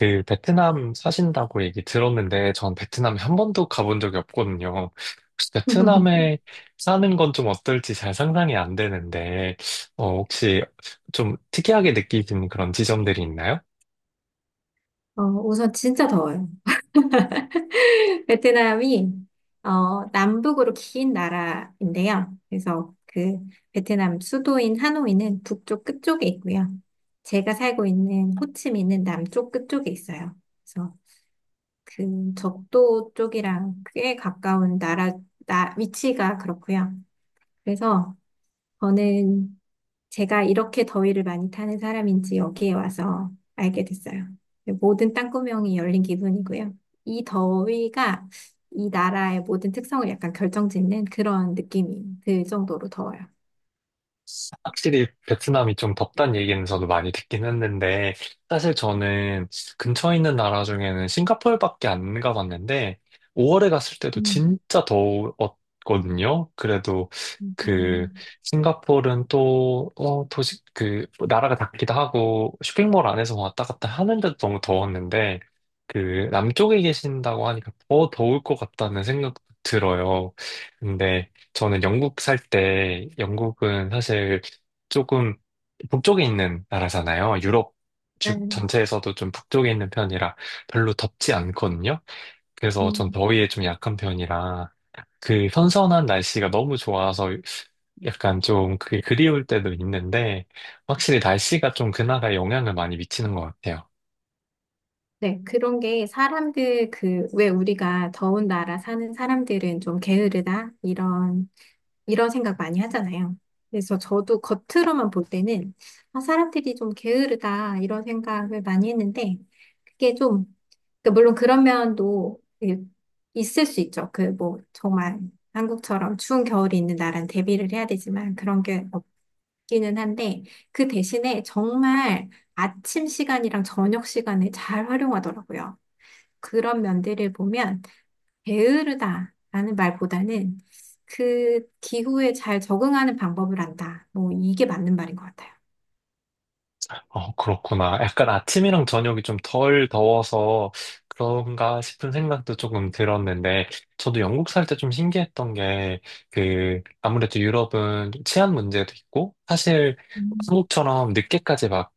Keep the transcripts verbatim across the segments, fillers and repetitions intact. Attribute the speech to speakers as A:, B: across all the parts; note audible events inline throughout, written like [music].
A: 그 베트남 사신다고 얘기 들었는데 전 베트남에 한 번도 가본 적이 없거든요. 혹시
B: [laughs]
A: 베트남에 사는 건 좀 어떨지 잘 상상이 안 되는데 어, 혹시 좀 특이하게 느끼는 그런 지점들이 있나요?
B: 어, 우선 진짜 더워요. [laughs] 베트남이 어, 남북으로 긴 나라인데요. 그래서 그 베트남 수도인 하노이는 북쪽 끝쪽에 있고요. 제가 살고 있는 호치민은 남쪽 끝쪽에 있어요. 그래서 그 적도 쪽이랑 꽤 가까운 나라, 나, 위치가 그렇고요. 그래서 저는 제가 이렇게 더위를 많이 타는 사람인지 여기에 와서 알게 됐어요. 모든 땅구멍이 열린 기분이고요. 이 더위가 이 나라의 모든 특성을 약간 결정짓는 그런 느낌이 들 정도로 더워요.
A: 확실히 베트남이 좀 덥단 얘기는 저도 많이 듣긴 했는데, 사실 저는 근처에 있는 나라 중에는 싱가포르밖에 안 가봤는데, 오월에 갔을 때도
B: 음,
A: 진짜 더웠거든요. 그래도
B: 맞아요.
A: 그 싱가포르는 또, 어, 도시, 그, 나라가 작기도 하고, 쇼핑몰 안에서 왔다 갔다 하는데도 너무 더웠는데, 그, 남쪽에 계신다고 하니까 더 더울 것 같다는 생각 들어요. 근데, 저는 영국 살 때, 영국은 사실 조금 북쪽에 있는 나라잖아요. 유럽 주-
B: 네.
A: 전체에서도 좀 북쪽에 있는 편이라 별로 덥지 않거든요. 그래서 전
B: 음.
A: 더위에 좀 약한 편이라 그 선선한 날씨가 너무 좋아서 약간 좀 그게 그리울 때도 있는데 확실히 날씨가 좀 그나마 영향을 많이 미치는 것 같아요.
B: 네, 그런 게 사람들 그, 왜 우리가 더운 나라 사는 사람들은 좀 게으르다? 이런, 이런 생각 많이 하잖아요. 그래서 저도 겉으로만 볼 때는, 아, 사람들이 좀 게으르다, 이런 생각을 많이 했는데, 그게 좀, 그 물론 그런 면도 그 있을 수 있죠. 그 뭐, 정말 한국처럼 추운 겨울이 있는 나라는 대비를 해야 되지만, 그런 게 없기는 한데, 그 대신에 정말 아침 시간이랑 저녁 시간에 잘 활용하더라고요. 그런 면들을 보면 게으르다라는 말보다는 그 기후에 잘 적응하는 방법을 안다. 뭐 이게 맞는 말인 것 같아요.
A: 어, 그렇구나. 약간 아침이랑 저녁이 좀 덜 더워서 그런가 싶은 생각도 조금 들었는데, 저도 영국 살 때 좀 신기했던 게, 그, 아무래도 유럽은 치안 문제도 있고, 사실
B: 음,
A: 한국처럼 늦게까지 막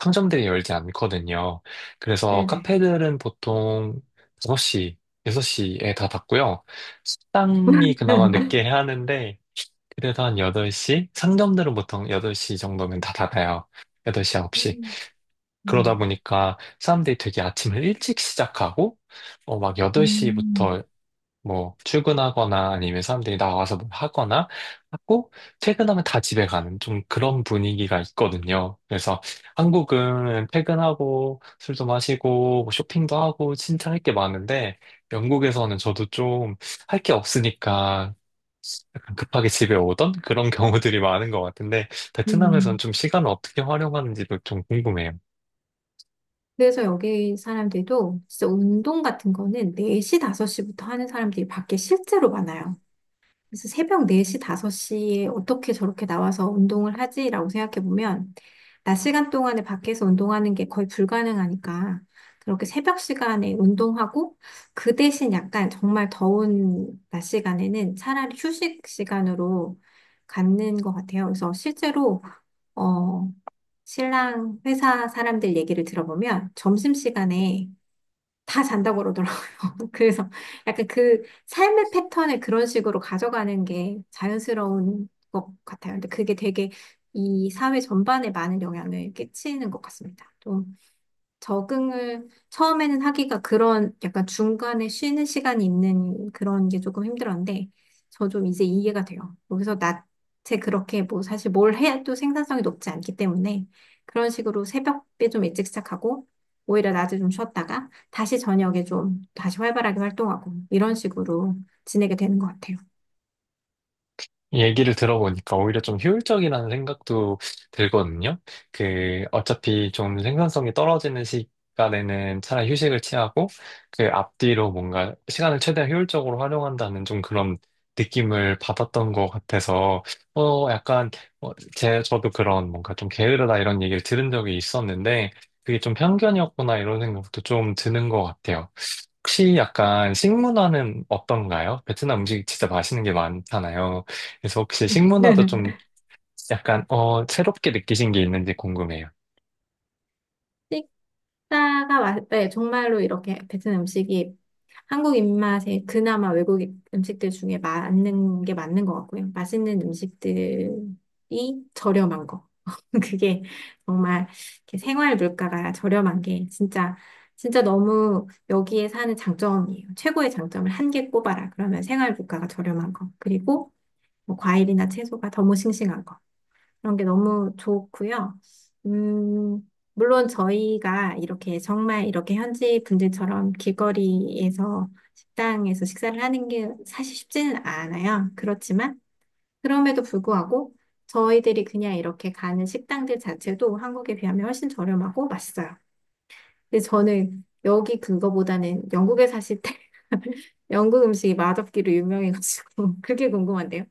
A: 상점들이 열지 않거든요. 그래서
B: 네네.
A: 카페들은 보통 다섯 시 여섯 시에 다 닫고요. 식당이 그나마 늦게
B: [laughs]
A: 해야 하는데, 그래도 한 여덟 시? 상점들은 보통 여덟 시 정도면 다 닫아요. 여덟 시, 아홉 시.
B: 음,
A: 그러다
B: 음.
A: 보니까 사람들이 되게 아침을 일찍 시작하고, 어, 막
B: 음,
A: 여덟 시부터 뭐 출근하거나 아니면 사람들이 나와서 뭐 하거나 하고, 퇴근하면 다 집에 가는 좀 그런 분위기가 있거든요. 그래서 한국은 퇴근하고 술도 마시고 뭐 쇼핑도 하고 진짜 할 게 많은데, 영국에서는 저도 좀 할 게 없으니까 약간 급하게 집에 오던 그런 [laughs] 경우들이 많은 것 같은데, 베트남에서는
B: 음.
A: 좀 시간을 어떻게 활용하는지도 좀 궁금해요.
B: 그래서 여기 사람들도 진짜 운동 같은 거는 네 시, 다섯 시부터 하는 사람들이 밖에 실제로 많아요. 그래서 새벽 네 시, 다섯 시에 어떻게 저렇게 나와서 운동을 하지라고 생각해 보면, 낮 시간 동안에 밖에서 운동하는 게 거의 불가능하니까, 그렇게 새벽 시간에 운동하고, 그 대신 약간 정말 더운 낮 시간에는 차라리 휴식 시간으로 갖는 것 같아요. 그래서 실제로, 어, 신랑 회사 사람들 얘기를 들어보면, 점심시간에 다 잔다고 그러더라고요. [laughs] 그래서 약간 그 삶의 패턴을 그런 식으로 가져가는 게 자연스러운 것 같아요. 근데 그게 되게 이 사회 전반에 많은 영향을 끼치는 것 같습니다. 적응을 처음에는 하기가 그런 약간 중간에 쉬는 시간이 있는 그런 게 조금 힘들었는데 저 좀 이제 이해가 돼요. 여기서 낮에 그렇게 뭐 사실 뭘 해도 생산성이 높지 않기 때문에 그런 식으로 새벽에 좀 일찍 시작하고 오히려 낮에 좀 쉬었다가 다시 저녁에 좀 다시 활발하게 활동하고 이런 식으로 지내게 되는 것 같아요.
A: 얘기를 들어보니까 오히려 좀 효율적이라는 생각도 들거든요. 그, 어차피 좀 생산성이 떨어지는 시간에는 차라리 휴식을 취하고, 그 앞뒤로 뭔가 시간을 최대한 효율적으로 활용한다는 좀 그런 느낌을 받았던 것 같아서, 어, 약간, 어, 제, 저도 그런 뭔가 좀 게으르다 이런 얘기를 들은 적이 있었는데, 그게 좀 편견이었구나 이런 생각도 좀 드는 것 같아요. 혹시 약간 식문화는 어떤가요? 베트남 음식 진짜 맛있는 게 많잖아요. 그래서 혹시 식문화도
B: [laughs]
A: 좀 약간 어 새롭게 느끼신 게 있는지 궁금해요.
B: 식사가 맛, 네, 정말로 이렇게 베트남 음식이 한국 입맛에 그나마 외국 음식들 중에 맞는 게 맞는 것 같고요. 맛있는 음식들이 저렴한 거. [laughs] 그게 정말 이렇게 생활 물가가 저렴한 게 진짜, 진짜 너무 여기에 사는 장점이에요. 최고의 장점을 한 개 꼽아라. 그러면 생활 물가가 저렴한 거. 그리고 뭐 과일이나 채소가 너무 싱싱한 거. 그런 게 너무 좋고요. 음, 물론 저희가 이렇게 정말 이렇게 현지 분들처럼 길거리에서 식당에서 식사를 하는 게 사실 쉽지는 않아요. 그렇지만 그럼에도 불구하고 저희들이 그냥 이렇게 가는 식당들 자체도 한국에 비하면 훨씬 저렴하고 맛있어요. 근데 저는 여기 그거보다는 영국에 사실 때 [laughs] 영국 음식이 맛없기로 유명해가지고 [laughs] 그게 궁금한데요.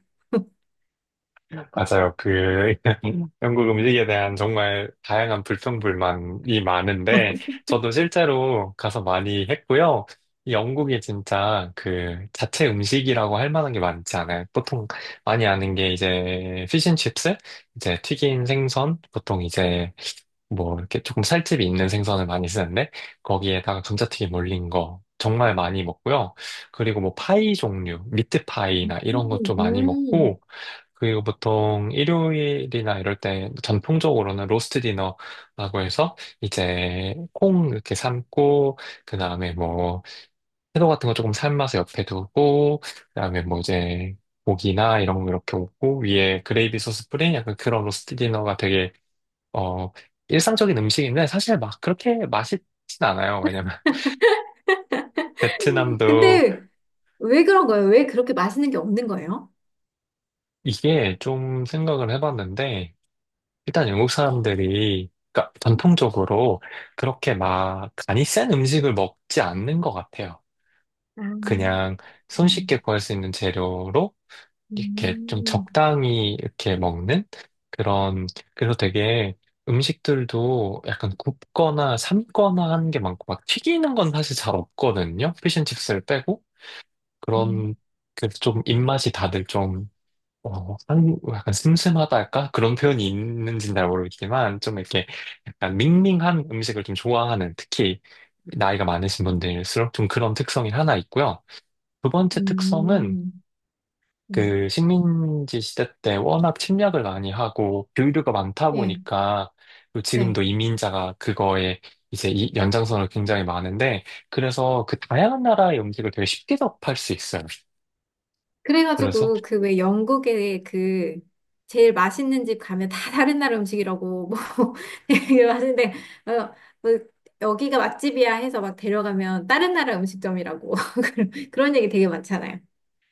A: 맞아요. 그 [laughs] 영국 음식에 대한 정말 다양한 불평불만이 많은데 저도 실제로 가서 많이 했고요. 이 영국이 진짜 그 자체 음식이라고 할 만한 게 많지 않아요. 보통 많이 아는 게 이제 피쉬앤칩스, 이제 튀긴 생선, 보통 이제 뭐 이렇게 조금 살집이 있는 생선을 많이 쓰는데 거기에다가 감자튀김 올린 거 정말 많이 먹고요. 그리고 뭐 파이 종류, 미트 파이나 이런
B: 음,
A: 것도 많이
B: 음.
A: 먹고 그리고 보통 일요일이나 이럴 때 전통적으로는 로스트 디너라고 해서 이제 콩 이렇게 삶고 그다음에 뭐 채소 같은 거 조금 삶아서 옆에 두고 그다음에 뭐 이제 고기나 이런 거 이렇게 얹고 위에 그레이비 소스 뿌린 약간 그런 로스트 디너가 되게 어, 일상적인 음식인데 사실 막 그렇게 맛있진 않아요. 왜냐면 [laughs] 베트남도
B: 근데 왜 그런 거예요? 왜 그렇게 맛있는 게 없는 거예요?
A: 이게 좀 생각을 해봤는데 일단 영국 사람들이 그러니까 전통적으로 그렇게 막 간이 센 음식을 먹지 않는 것 같아요.
B: 아, 음,
A: 그냥 손쉽게 구할 수 있는 재료로 이렇게 좀
B: 음,
A: 적당히 이렇게 먹는 그런, 그래서 되게 음식들도 약간 굽거나 삶거나 하는 게 많고, 막 튀기는 건 사실 잘 없거든요. 피쉬앤칩스를 빼고.
B: 음,
A: 그런, 그래서 좀 입맛이 다들 좀, 어, 한- 약간 슴슴하다 할까? 그런 표현이 있는지는 잘 모르겠지만, 좀 이렇게 약간 밍밍한 음식을 좀 좋아하는, 특히 나이가 많으신 분들일수록 좀 그런 특성이 하나 있고요. 두 번째 특성은
B: 음, 음.
A: 그 식민지 시대 때 워낙 침략을 많이 하고 교류가 많다
B: 예,
A: 보니까 또
B: 네.
A: 지금도 이민자가 그거에 이제 이 연장선을 굉장히 많은데 그래서 그 다양한 나라의 음식을 되게 쉽게 접할 수 있어요.
B: 그래가지고 그 왜 영국에 그 제일 맛있는 집 가면 다 다른 나라 음식이라고 뭐 [laughs] 되게 맛있는데 어, 뭐 여기가 맛집이야 해서 막 데려가면 다른 나라 음식점이라고 [laughs] 그런 얘기 되게 많잖아요.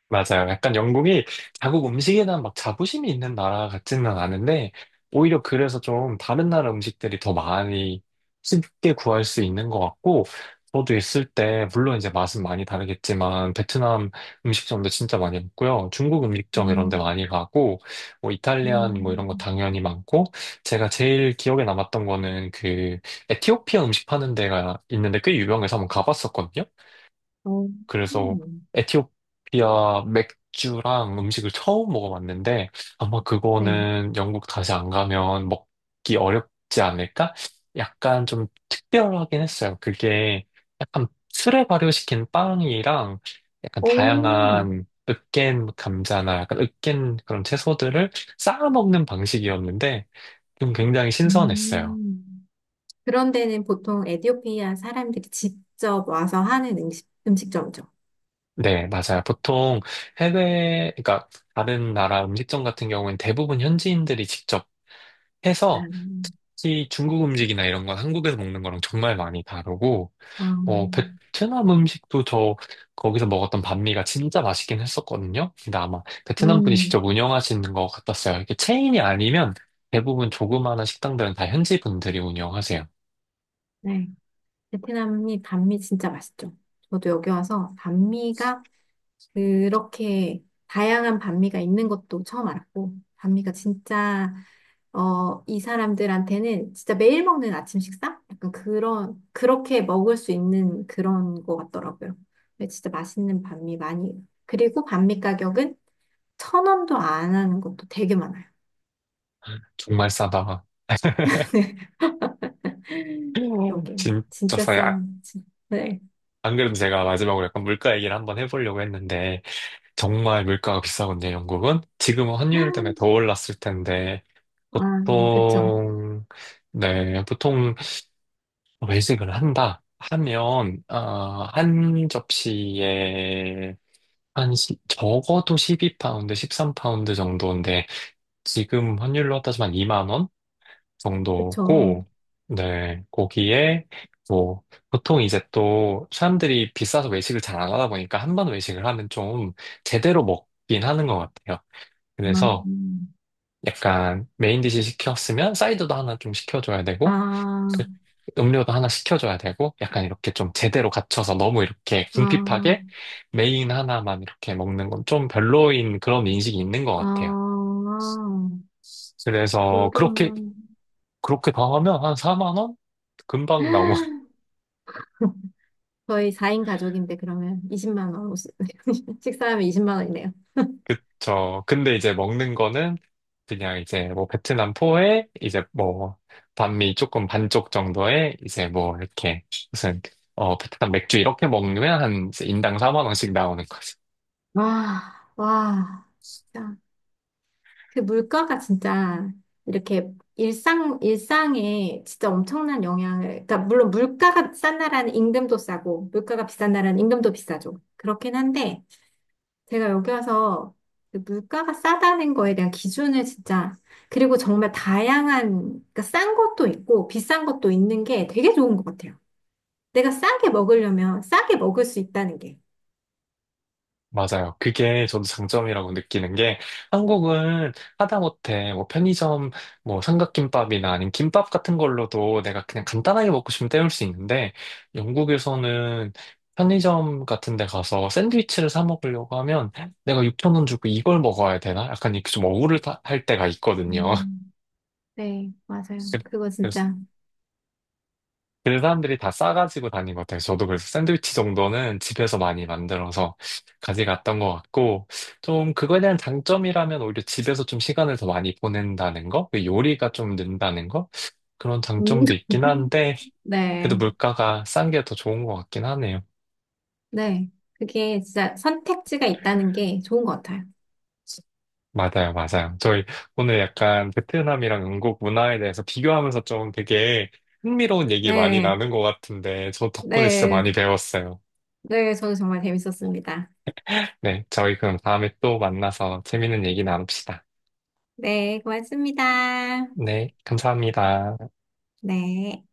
A: 맞아요. 약간 영국이 자국 음식에 대한 막 자부심이 있는 나라 같지는 않은데, 오히려 그래서 좀 다른 나라 음식들이 더 많이 쉽게 구할 수 있는 것 같고, 저도 있을 때, 물론 이제 맛은 많이 다르겠지만, 베트남 음식점도 진짜 많이 먹고요. 중국 음식점 이런 데
B: 음,
A: 많이 가고, 뭐 이탈리안 뭐 이런 거
B: 음.
A: 당연히 많고, 제가 제일 기억에 남았던 거는 그 에티오피아 음식 파는 데가 있는데 꽤 유명해서 한번 가봤었거든요.
B: 어,
A: 그래서
B: 음.
A: 에티오피아 맥주랑 음식을 처음 먹어봤는데 아마
B: 네.
A: 그거는 영국 다시 안 가면 먹기 어렵지 않을까? 약간 좀 특별하긴 했어요. 그게 약간 술에 발효시킨 빵이랑 약간
B: 오,
A: 다양한 으깬 감자나 약간 으깬 그런 채소들을 쌓아 먹는 방식이었는데 좀 굉장히 신선했어요.
B: 음. 그런 데는 보통 에티오피아 사람들이 직접 와서 하는 음식, 음식점이죠.
A: 네, 맞아요. 보통 해외, 그러니까 다른 나라 음식점 같은 경우엔 대부분 현지인들이 직접 해서
B: 음,
A: 특히 중국 음식이나 이런 건 한국에서 먹는 거랑 정말 많이 다르고,
B: 어,
A: 어, 베트남 음식도 저 거기서 먹었던 반미가 진짜 맛있긴 했었거든요. 근데 아마 베트남 분이
B: 음,
A: 직접 운영하시는 것 같았어요. 이렇게 체인이 아니면 대부분 조그마한 식당들은 다 현지 분들이 운영하세요.
B: 네. 베트남이 반미 진짜 맛있죠. 저도 여기 와서 반미가 그렇게 다양한 반미가 있는 것도 처음 알았고, 반미가 진짜, 어, 이 사람들한테는 진짜 매일 먹는 아침 식사? 약간 그런, 그렇게 먹을 수 있는 그런 거 같더라고요. 근데 진짜 맛있는 반미 많이. 그리고 반미 가격은 천 원도 안 하는 것도 되게 많아요.
A: 정말 싸다가.
B: [laughs]
A: [laughs]
B: 그러게.
A: 진짜
B: 진짜
A: 싸요. 아,
B: 싼, 진- 네.
A: 안 그래도 제가 마지막으로 약간 물가 얘기를 한번 해보려고 했는데, 정말 물가가 비싸거든요, 영국은. 지금은 환율 때문에 더 올랐을 텐데,
B: 아, 그쵸.
A: 보통, 네, 보통 외식을 한다 하면, 아, 한 접시에 한 시- 적어도 십이 파운드, 십삼 파운드 정도인데, 지금 환율로 따지면 이만 원
B: 그쵸.
A: 정도고, 네, 거기에 뭐, 보통 이제 또 사람들이 비싸서 외식을 잘 안 하다 보니까 한 번 외식을 하면 좀 제대로 먹긴 하는 것 같아요.
B: 아,
A: 그래서
B: 음.
A: 약간 메인 디시 시켰으면 사이드도 하나 좀 시켜줘야 되고
B: 아,
A: 그 음료도 하나 시켜줘야 되고 약간 이렇게 좀 제대로 갖춰서 너무 이렇게
B: 아.
A: 궁핍하게 메인 하나만 이렇게 먹는 건 좀 별로인 그런 인식이 있는 것
B: 아,
A: 같아요. 그래서 그렇게
B: 그러면
A: 그렇게 더 하면 한 사만 원 금방
B: [laughs] 저희 사 인 가족인데 그러면 이십만 원오 [laughs] 식사하면 이십만 원이네요.
A: 그쵸. 근데 이제 먹는 거는 그냥 이제 뭐 베트남 포에 이제 뭐 반미 조금 반쪽 정도에 이제 뭐 이렇게 무슨 어 베트남 맥주 이렇게 먹으면 한 이제 인당 사만 원씩 나오는
B: 와, 와, 진짜 그 물가가 진짜 이렇게 일상 일상에 진짜 엄청난 영향을 그러니까 물론 물가가 싼 나라는 임금도 싸고 물가가 비싼 나라는 임금도 비싸죠. 그렇긴 한데 제가 여기 와서 그 물가가 싸다는 거에 대한 기준을 진짜, 그리고 정말 다양한, 그러니까 싼 것도 있고 비싼 것도 있는 게 되게 좋은 것 같아요. 내가 싸게 먹으려면 싸게 먹을 수 있다는 게.
A: 맞아요. 그게 저도 장점이라고 느끼는 게 한국은 하다못해 뭐 편의점 뭐 삼각김밥이나 아니면 김밥 같은 걸로도 내가 그냥 간단하게 먹고 싶으면 때울 수 있는데 영국에서는 편의점 같은 데 가서 샌드위치를 사 먹으려고 하면 내가 육천 원 주고 이걸 먹어야 되나? 약간 이렇게 좀 억울할 때가 있거든요.
B: 음, 네, 맞아요.
A: [laughs]
B: 그거
A: 그래서
B: 진짜.
A: 그 사람들이 다 싸가지고 다닌 것 같아요. 저도 그래서 샌드위치 정도는 집에서 많이 만들어서 가져갔던 것 같고, 좀 그거에 대한 장점이라면 오히려 집에서 좀 시간을 더 많이 보낸다는 거? 그 요리가 좀 는다는 거? 그런
B: 음,
A: 장점도 있긴
B: [laughs]
A: 한데, 그래도
B: 네,
A: 물가가 싼 게 더 좋은 것 같긴 하네요.
B: 네. 그게 진짜 선택지가 있다는 게 좋은 것 같아요.
A: 맞아요, 맞아요. 저희 오늘 약간 베트남이랑 영국 문화에 대해서 비교하면서 좀 되게 흥미로운 얘기 많이
B: 네,
A: 나눈 것 같은데, 저 덕분에 진짜
B: 네,
A: 많이 배웠어요.
B: 네. 저도 정말 재밌었습니다.
A: 네, 저희 그럼 다음에 또 만나서 재밌는 얘기 나눕시다.
B: 네, 고맙습니다.
A: 네, 감사합니다.
B: 네.